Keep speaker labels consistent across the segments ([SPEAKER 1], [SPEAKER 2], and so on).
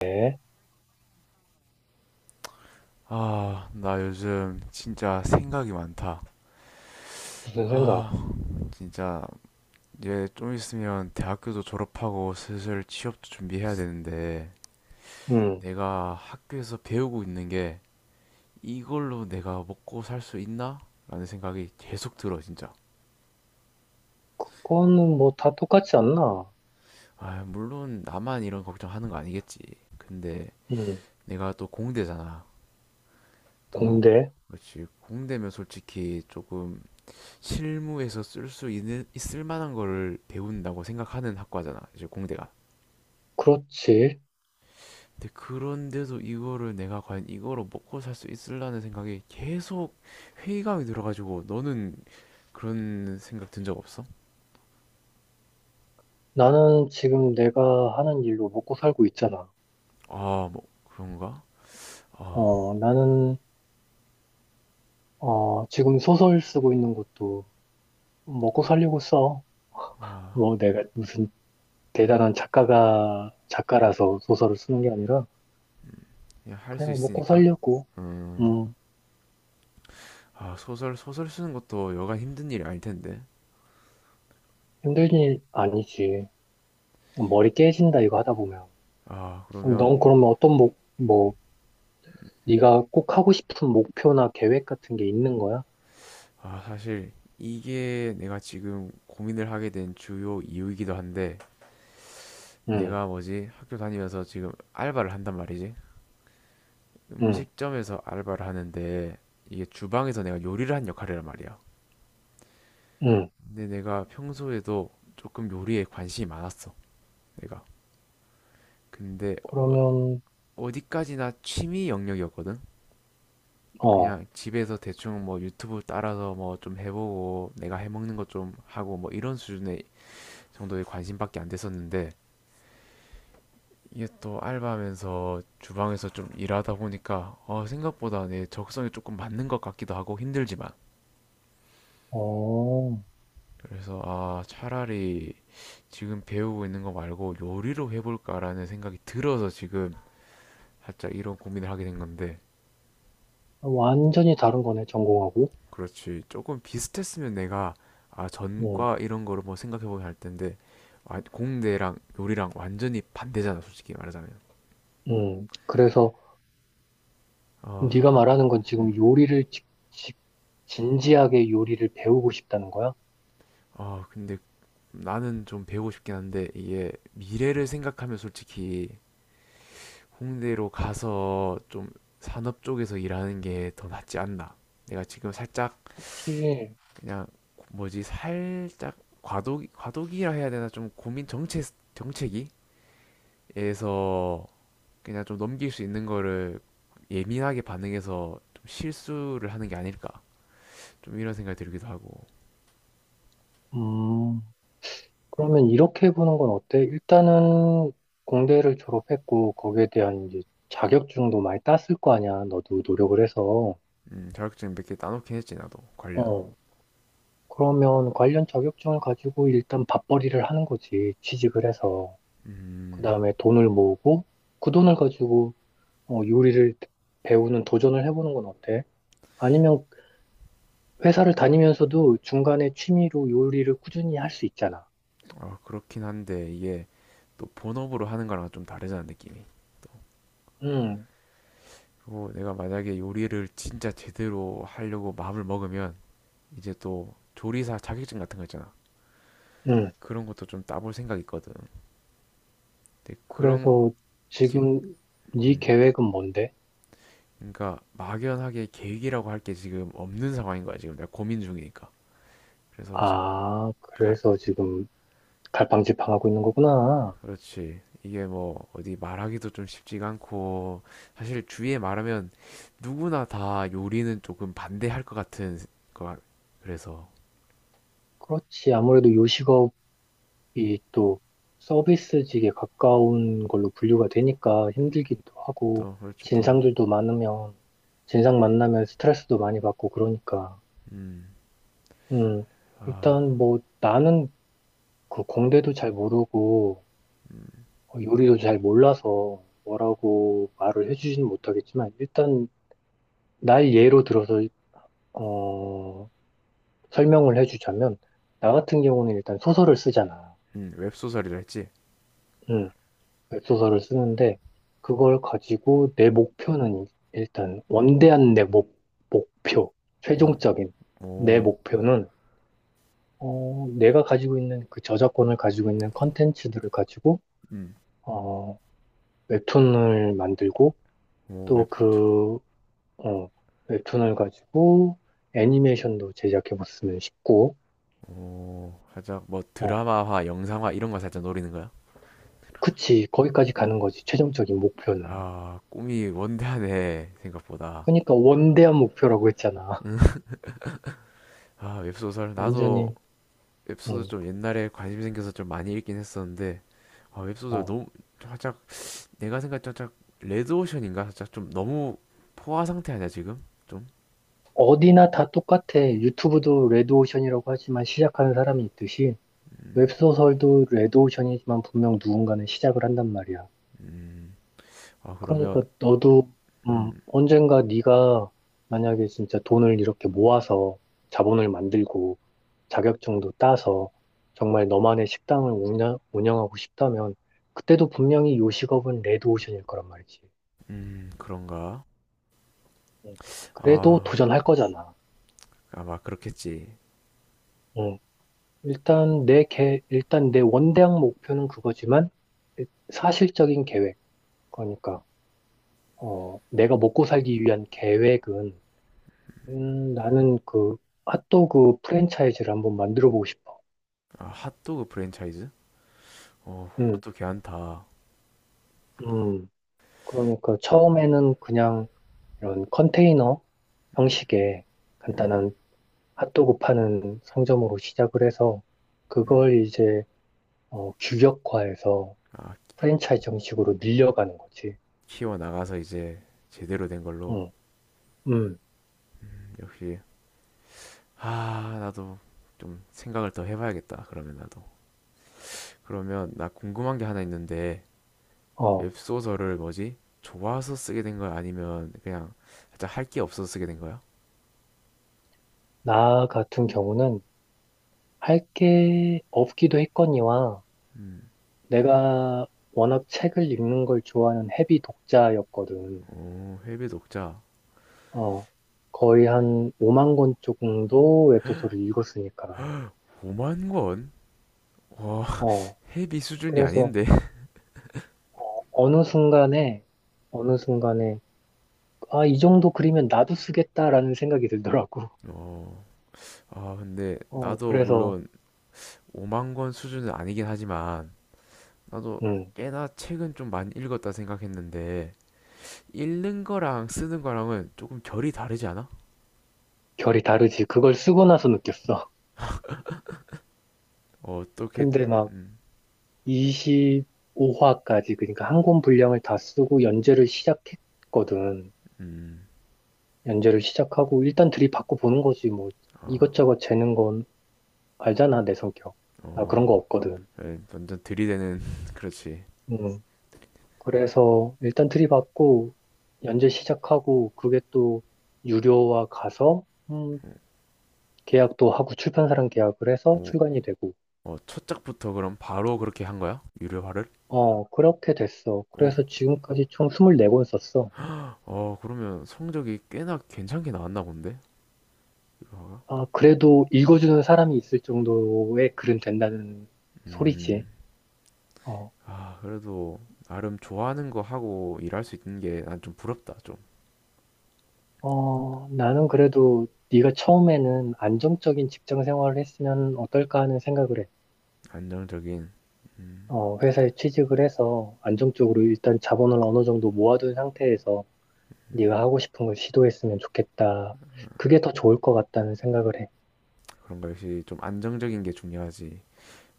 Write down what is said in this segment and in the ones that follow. [SPEAKER 1] 네,
[SPEAKER 2] 아, 나 요즘 진짜 생각이 많다.
[SPEAKER 1] 무슨 생각?
[SPEAKER 2] 아, 진짜 이제 좀 있으면 대학교도 졸업하고 슬슬 취업도 준비해야 되는데
[SPEAKER 1] 음,
[SPEAKER 2] 내가 학교에서 배우고 있는 게 이걸로 내가 먹고 살 수 있나? 라는 생각이 계속 들어, 진짜.
[SPEAKER 1] 그거는 뭐 다 똑같지 않나?
[SPEAKER 2] 아, 물론 나만 이런 걱정하는 거 아니겠지. 근데
[SPEAKER 1] 음,
[SPEAKER 2] 내가 또 공대잖아. 또,
[SPEAKER 1] 공대?
[SPEAKER 2] 그렇지. 공대면 솔직히 조금 실무에서 쓸 수 있는 있을 만한 거를 배운다고 생각하는 학과잖아 이제 공대가.
[SPEAKER 1] 그렇지.
[SPEAKER 2] 근데 그런데도 이거를 내가 과연 이거로 먹고 살 수 있을라는 생각이 계속 회의감이 들어가지고. 너는 그런 생각 든 적 없어?
[SPEAKER 1] 나는 지금 내가 하는 일로 먹고 살고 있잖아.
[SPEAKER 2] 아 뭐 그런가? 아
[SPEAKER 1] 어, 나는, 지금 소설 쓰고 있는 것도 먹고 살려고 써. 뭐 내가 무슨 대단한 작가라서 소설을 쓰는 게 아니라
[SPEAKER 2] 그냥 할 수
[SPEAKER 1] 그냥 먹고
[SPEAKER 2] 있으니까.
[SPEAKER 1] 살려고.
[SPEAKER 2] 음아,
[SPEAKER 1] 음,
[SPEAKER 2] 소설 쓰는 것도 여간 힘든 일이 아닐 텐데.
[SPEAKER 1] 힘든 일 아니지. 머리 깨진다 이거 하다 보면.
[SPEAKER 2] 아 그러면.
[SPEAKER 1] 넌 그러면 뭐, 네가 꼭 하고 싶은 목표나 계획 같은 게 있는 거야?
[SPEAKER 2] 아 사실 이게 내가 지금 고민을 하게 된 주요 이유이기도 한데,
[SPEAKER 1] 응,
[SPEAKER 2] 내가 뭐지? 학교 다니면서 지금 알바를 한단 말이지.
[SPEAKER 1] 응,
[SPEAKER 2] 음식점에서 알바를 하는데 이게 주방에서 내가 요리를 한 역할이란 말이야.
[SPEAKER 1] 응.
[SPEAKER 2] 근데 내가 평소에도 조금 요리에 관심이 많았어. 내가. 근데
[SPEAKER 1] 그러면,
[SPEAKER 2] 어디까지나 취미 영역이었거든.
[SPEAKER 1] 어,
[SPEAKER 2] 그냥 집에서 대충 뭐 유튜브 따라서 뭐 좀 해보고 내가 해먹는 것 좀 하고 뭐 이런 수준의 정도의 관심밖에 안 됐었는데, 이게 또 알바하면서 주방에서 좀 일하다 보니까 생각보다 내 적성에 조금 맞는 것 같기도 하고 힘들지만.
[SPEAKER 1] 어,
[SPEAKER 2] 그래서 아 차라리 지금 배우고 있는 거 말고 요리로 해볼까라는 생각이 들어서 지금 살짝 이런 고민을 하게 된 건데.
[SPEAKER 1] 완전히 다른 거네, 전공하고.
[SPEAKER 2] 그렇지. 조금 비슷했으면 내가 아
[SPEAKER 1] 응,
[SPEAKER 2] 전과 이런 거를 뭐 생각해보면 할 텐데. 아, 공대랑 요리랑 완전히 반대잖아, 솔직히 말하자면.
[SPEAKER 1] 응. 그래서
[SPEAKER 2] 아 한,
[SPEAKER 1] 네가 말하는 건
[SPEAKER 2] 음,
[SPEAKER 1] 지금 요리를 진지하게 요리를 배우고 싶다는 거야?
[SPEAKER 2] 아 근데 나는 좀 배우고 싶긴 한데 이게 미래를 생각하면 솔직히 홍대로 가서 좀 산업 쪽에서 일하는 게 더 낫지 않나. 내가 지금 살짝
[SPEAKER 1] 그치.
[SPEAKER 2] 그냥 뭐지, 살짝 과도기, 과도기라 해야 되나, 좀 고민 정체, 정체기에서 그냥 좀 넘길 수 있는 거를 예민하게 반응해서 좀 실수를 하는 게 아닐까. 좀 이런 생각이 들기도 하고.
[SPEAKER 1] 음, 그러면 이렇게 해보는 건 어때? 일단은 공대를 졸업했고, 거기에 대한 이제 자격증도 많이 땄을 거 아니야. 너도 노력을 해서.
[SPEAKER 2] 자격증 몇 개 따놓긴 했지, 나도 관련.
[SPEAKER 1] 어. 그러면 관련 자격증을 가지고 일단 밥벌이를 하는 거지. 취직을 해서. 그
[SPEAKER 2] 음.
[SPEAKER 1] 다음에 돈을 모으고 그 돈을 가지고 요리를 배우는 도전을 해보는 건 어때? 아니면 회사를 다니면서도 중간에 취미로 요리를 꾸준히 할 수 있잖아.
[SPEAKER 2] 아, 그렇긴 한데 이게 또 본업으로 하는 거랑 좀 다르잖아, 느낌이. 또,
[SPEAKER 1] 음,
[SPEAKER 2] 그리고 내가 만약에 요리를 진짜 제대로 하려고 마음을 먹으면 이제 또 조리사 자격증 같은 거 있잖아.
[SPEAKER 1] 음.
[SPEAKER 2] 그런 것도 좀 따볼 생각 있거든. 근데 그런
[SPEAKER 1] 그래서
[SPEAKER 2] 게,
[SPEAKER 1] 지금 네
[SPEAKER 2] 음,
[SPEAKER 1] 계획은 뭔데?
[SPEAKER 2] 그러니까 막연하게 계획이라고 할 게 지금 없는 상황인 거야, 지금 내가 고민 중이니까. 그래서 지금
[SPEAKER 1] 아,
[SPEAKER 2] 가,
[SPEAKER 1] 그래서 지금 갈팡질팡하고 있는 거구나.
[SPEAKER 2] 그렇지. 이게 뭐 어디 말하기도 좀 쉽지가 않고 사실 주위에 말하면 누구나 다 요리는 조금 반대할 것 같은 거 같-. 그래서
[SPEAKER 1] 그렇지. 아무래도 요식업 이 또 서비스직에 가까운 걸로 분류가 되니까 힘들기도 하고,
[SPEAKER 2] 또. 그렇죠. 또
[SPEAKER 1] 진상들도 많으면 진상 만나면 스트레스도 많이 받고 그러니까.
[SPEAKER 2] 음.
[SPEAKER 1] 음.
[SPEAKER 2] 아,
[SPEAKER 1] 일단 뭐 나는 그 공대도 잘 모르고 요리도 잘 몰라서 뭐라고 말을 해주지는 못하겠지만, 일단 날 예로 들어서 어 설명을 해주자면, 나 같은 경우는 일단 소설을 쓰잖아.
[SPEAKER 2] 웹소설이라 했지.
[SPEAKER 1] 음, 웹소설을 쓰는데, 그걸 가지고 내 목표는, 일단 원대한 내 목표,
[SPEAKER 2] 뭔,
[SPEAKER 1] 최종적인 내
[SPEAKER 2] 오.
[SPEAKER 1] 목표는, 내가 가지고 있는 그 저작권을 가지고 있는 컨텐츠들을 가지고
[SPEAKER 2] 음.
[SPEAKER 1] 어, 웹툰을 만들고,
[SPEAKER 2] 오,
[SPEAKER 1] 또
[SPEAKER 2] 웹,
[SPEAKER 1] 그 어, 웹툰을 가지고 애니메이션도 제작해봤으면 싶고,
[SPEAKER 2] 오, 살짝 뭐
[SPEAKER 1] 어,
[SPEAKER 2] 드라마화, 영상화 이런 거 살짝 노리는 거야?
[SPEAKER 1] 그치, 거기까지 가는 거지, 최종적인 목표는.
[SPEAKER 2] 아, 꿈이 원대하네 생각보다.
[SPEAKER 1] 그러니까 원대한 목표라고 했잖아.
[SPEAKER 2] 아, 웹소설 나도
[SPEAKER 1] 완전히.
[SPEAKER 2] 웹소설 좀 옛날에 관심 생겨서 좀 많이 읽긴 했었는데. 아,
[SPEAKER 1] 응,
[SPEAKER 2] 웹소설 너무 살짝 내가 생각했던 살짝 레드오션인가, 살짝 좀 너무 포화 상태 아니야 지금 좀?
[SPEAKER 1] 어디나 다 똑같아. 유튜브도 레드오션이라고 하지만 시작하는 사람이 있듯이, 웹소설도 레드오션이지만 분명 누군가는 시작을 한단 말이야.
[SPEAKER 2] 음, 아 그러면
[SPEAKER 1] 그러니까 너도,
[SPEAKER 2] 음,
[SPEAKER 1] 언젠가 네가 만약에 진짜 돈을 이렇게 모아서 자본을 만들고 자격증도 따서 정말 너만의 식당을 운영하고 싶다면, 그때도 분명히 요식업은 레드오션일 거란 말이지.
[SPEAKER 2] 그런가?
[SPEAKER 1] 응. 그래도
[SPEAKER 2] 아,
[SPEAKER 1] 도전할 거잖아.
[SPEAKER 2] 아마 그렇겠지.
[SPEAKER 1] 응. 일단 내 일단 내 원대학 목표는 그거지만, 사실적인 계획, 그러니까 내가 먹고 살기 위한 계획은, 나는 그 핫도그 프랜차이즈를 한번 만들어 보고 싶어.
[SPEAKER 2] 아 핫도그 프랜차이즈? 어
[SPEAKER 1] 음,
[SPEAKER 2] 그것도 괜찮다.
[SPEAKER 1] 음. 그러니까 처음에는 그냥 이런 컨테이너 형식의 간단한 핫도그 파는 상점으로 시작을 해서, 그걸 이제 규격화해서
[SPEAKER 2] 아
[SPEAKER 1] 프랜차이즈 형식으로 늘려가는 거지.
[SPEAKER 2] 키워 나가서 이제 제대로 된 걸로.
[SPEAKER 1] 음, 음.
[SPEAKER 2] 역시. 아 나도 좀 생각을 더 해봐야겠다. 그러면 나도. 그러면 나 궁금한 게 하나 있는데,
[SPEAKER 1] 어.
[SPEAKER 2] 웹소설을 뭐지? 좋아서 쓰게 된 거야? 아니면 그냥 살짝 할 게 없어서 쓰게 된 거야?
[SPEAKER 1] 나 같은 경우는 할 게 없기도 했거니와
[SPEAKER 2] 음,
[SPEAKER 1] 내가 워낙 책을 읽는 걸 좋아하는 헤비 독자였거든.
[SPEAKER 2] 오, 해외 독자.
[SPEAKER 1] 어, 거의 한 5만 권 정도 웹소설을 읽었으니까.
[SPEAKER 2] 5만 권? 와,
[SPEAKER 1] 어,
[SPEAKER 2] 헤비 수준이
[SPEAKER 1] 그래서
[SPEAKER 2] 아닌데?
[SPEAKER 1] 어느 순간에, 아, 이 정도 그리면 나도 쓰겠다라는 생각이 들더라고.
[SPEAKER 2] 어, 아, 근데 나도
[SPEAKER 1] 그래서,
[SPEAKER 2] 물론 5만 권 수준은 아니긴 하지만 나도
[SPEAKER 1] 음,
[SPEAKER 2] 꽤나 책은 좀 많이 읽었다 생각했는데, 읽는 거랑 쓰는 거랑은 조금 결이 다르지 않아?
[SPEAKER 1] 결이 다르지. 그걸 쓰고 나서 느꼈어.
[SPEAKER 2] 어떻게,
[SPEAKER 1] 근데 막,
[SPEAKER 2] 음,
[SPEAKER 1] 25화까지, 그러니까 한 권 분량을 다 쓰고 연재를 시작했거든.
[SPEAKER 2] 음,
[SPEAKER 1] 연재를 시작하고 일단 들이받고 보는 거지 뭐.
[SPEAKER 2] 아,
[SPEAKER 1] 이것저것 재는 건, 알잖아 내 성격. 나
[SPEAKER 2] 어,
[SPEAKER 1] 그런 거 없거든.
[SPEAKER 2] 예, 완전 들이대는, 그렇지.
[SPEAKER 1] 음. 그래서 일단 들이받고 연재 시작하고, 그게 또 유료화 가서, 계약도 하고 출판사랑 계약을 해서
[SPEAKER 2] 오,
[SPEAKER 1] 출간이 되고.
[SPEAKER 2] 어, 첫 작부터 그럼 바로 그렇게 한 거야? 유료화를?
[SPEAKER 1] 어, 그렇게 됐어.
[SPEAKER 2] 어,
[SPEAKER 1] 그래서 지금까지 총 24권 썼어.
[SPEAKER 2] 어, 그러면 성적이 꽤나 괜찮게 나왔나 본데? 유료화가?
[SPEAKER 1] 아, 그래도 읽어주는 사람이 있을 정도의 글은 된다는 소리지. 어,
[SPEAKER 2] 아, 그래도 나름 좋아하는 거 하고 일할 수 있는 게 난 좀 부럽다, 좀.
[SPEAKER 1] 나는 그래도 네가 처음에는 안정적인 직장 생활을 했으면 어떨까 하는 생각을 해.
[SPEAKER 2] 안정적인.
[SPEAKER 1] 회사에 취직을 해서 안정적으로 일단 자본을 어느 정도 모아둔 상태에서 네가 하고 싶은 걸 시도했으면 좋겠다. 그게 더 좋을 것 같다는 생각을 해.
[SPEAKER 2] 그런 거 역시 좀 안정적인 게 중요하지.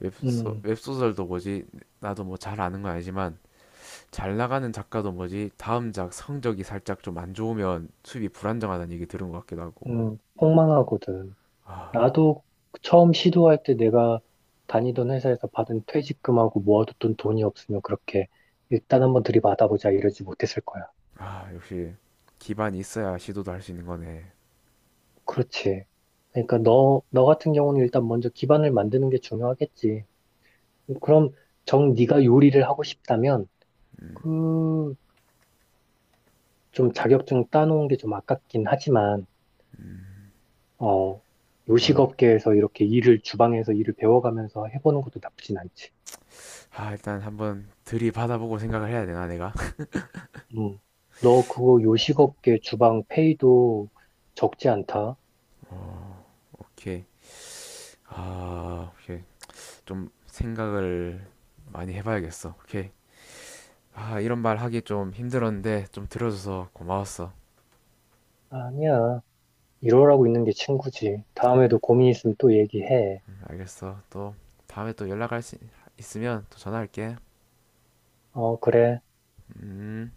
[SPEAKER 2] 웹소,
[SPEAKER 1] 음,
[SPEAKER 2] 웹소설도 뭐지? 나도 뭐 잘 아는 건 아니지만 잘 나가는 작가도 뭐지? 다음 작 성적이 살짝 좀 안 좋으면 수입이 불안정하다는 얘기 들은 것 같기도 하고.
[SPEAKER 1] 폭망하거든. 나도 처음 시도할 때 내가 다니던 회사에서 받은 퇴직금하고 모아뒀던 돈이 없으면 그렇게 일단 한번 들이받아보자 이러지 못했을 거야.
[SPEAKER 2] 아, 역시 기반이 있어야 시도도 할 수 있는 거네.
[SPEAKER 1] 그렇지. 그러니까 너 같은 경우는 일단 먼저 기반을 만드는 게 중요하겠지. 그럼 정 네가 요리를 하고 싶다면, 그 좀 자격증 따놓은 게 좀 아깝긴 하지만 어
[SPEAKER 2] 한 번.
[SPEAKER 1] 요식업계에서 이렇게 일을, 주방에서 일을 배워가면서 해보는 것도 나쁘진 않지.
[SPEAKER 2] 아, 일단 한번 들이받아보고 생각을 해야 되나, 내가?
[SPEAKER 1] 음. 너 그거 요식업계 주방 페이도 적지 않다?
[SPEAKER 2] 오케이. 아, 오케이. 좀 생각을 많이 해봐야겠어. 오케이. 아, 이런 말 하기 좀 힘들었는데 좀 들어줘서 고마웠어.
[SPEAKER 1] 아니야. 이러라고 있는 게 친구지. 다음에도 고민 있으면 또 얘기해.
[SPEAKER 2] 알겠어. 또 다음에 또 연락할 수 있으면 또 전화할게.
[SPEAKER 1] 어, 그래.
[SPEAKER 2] 음.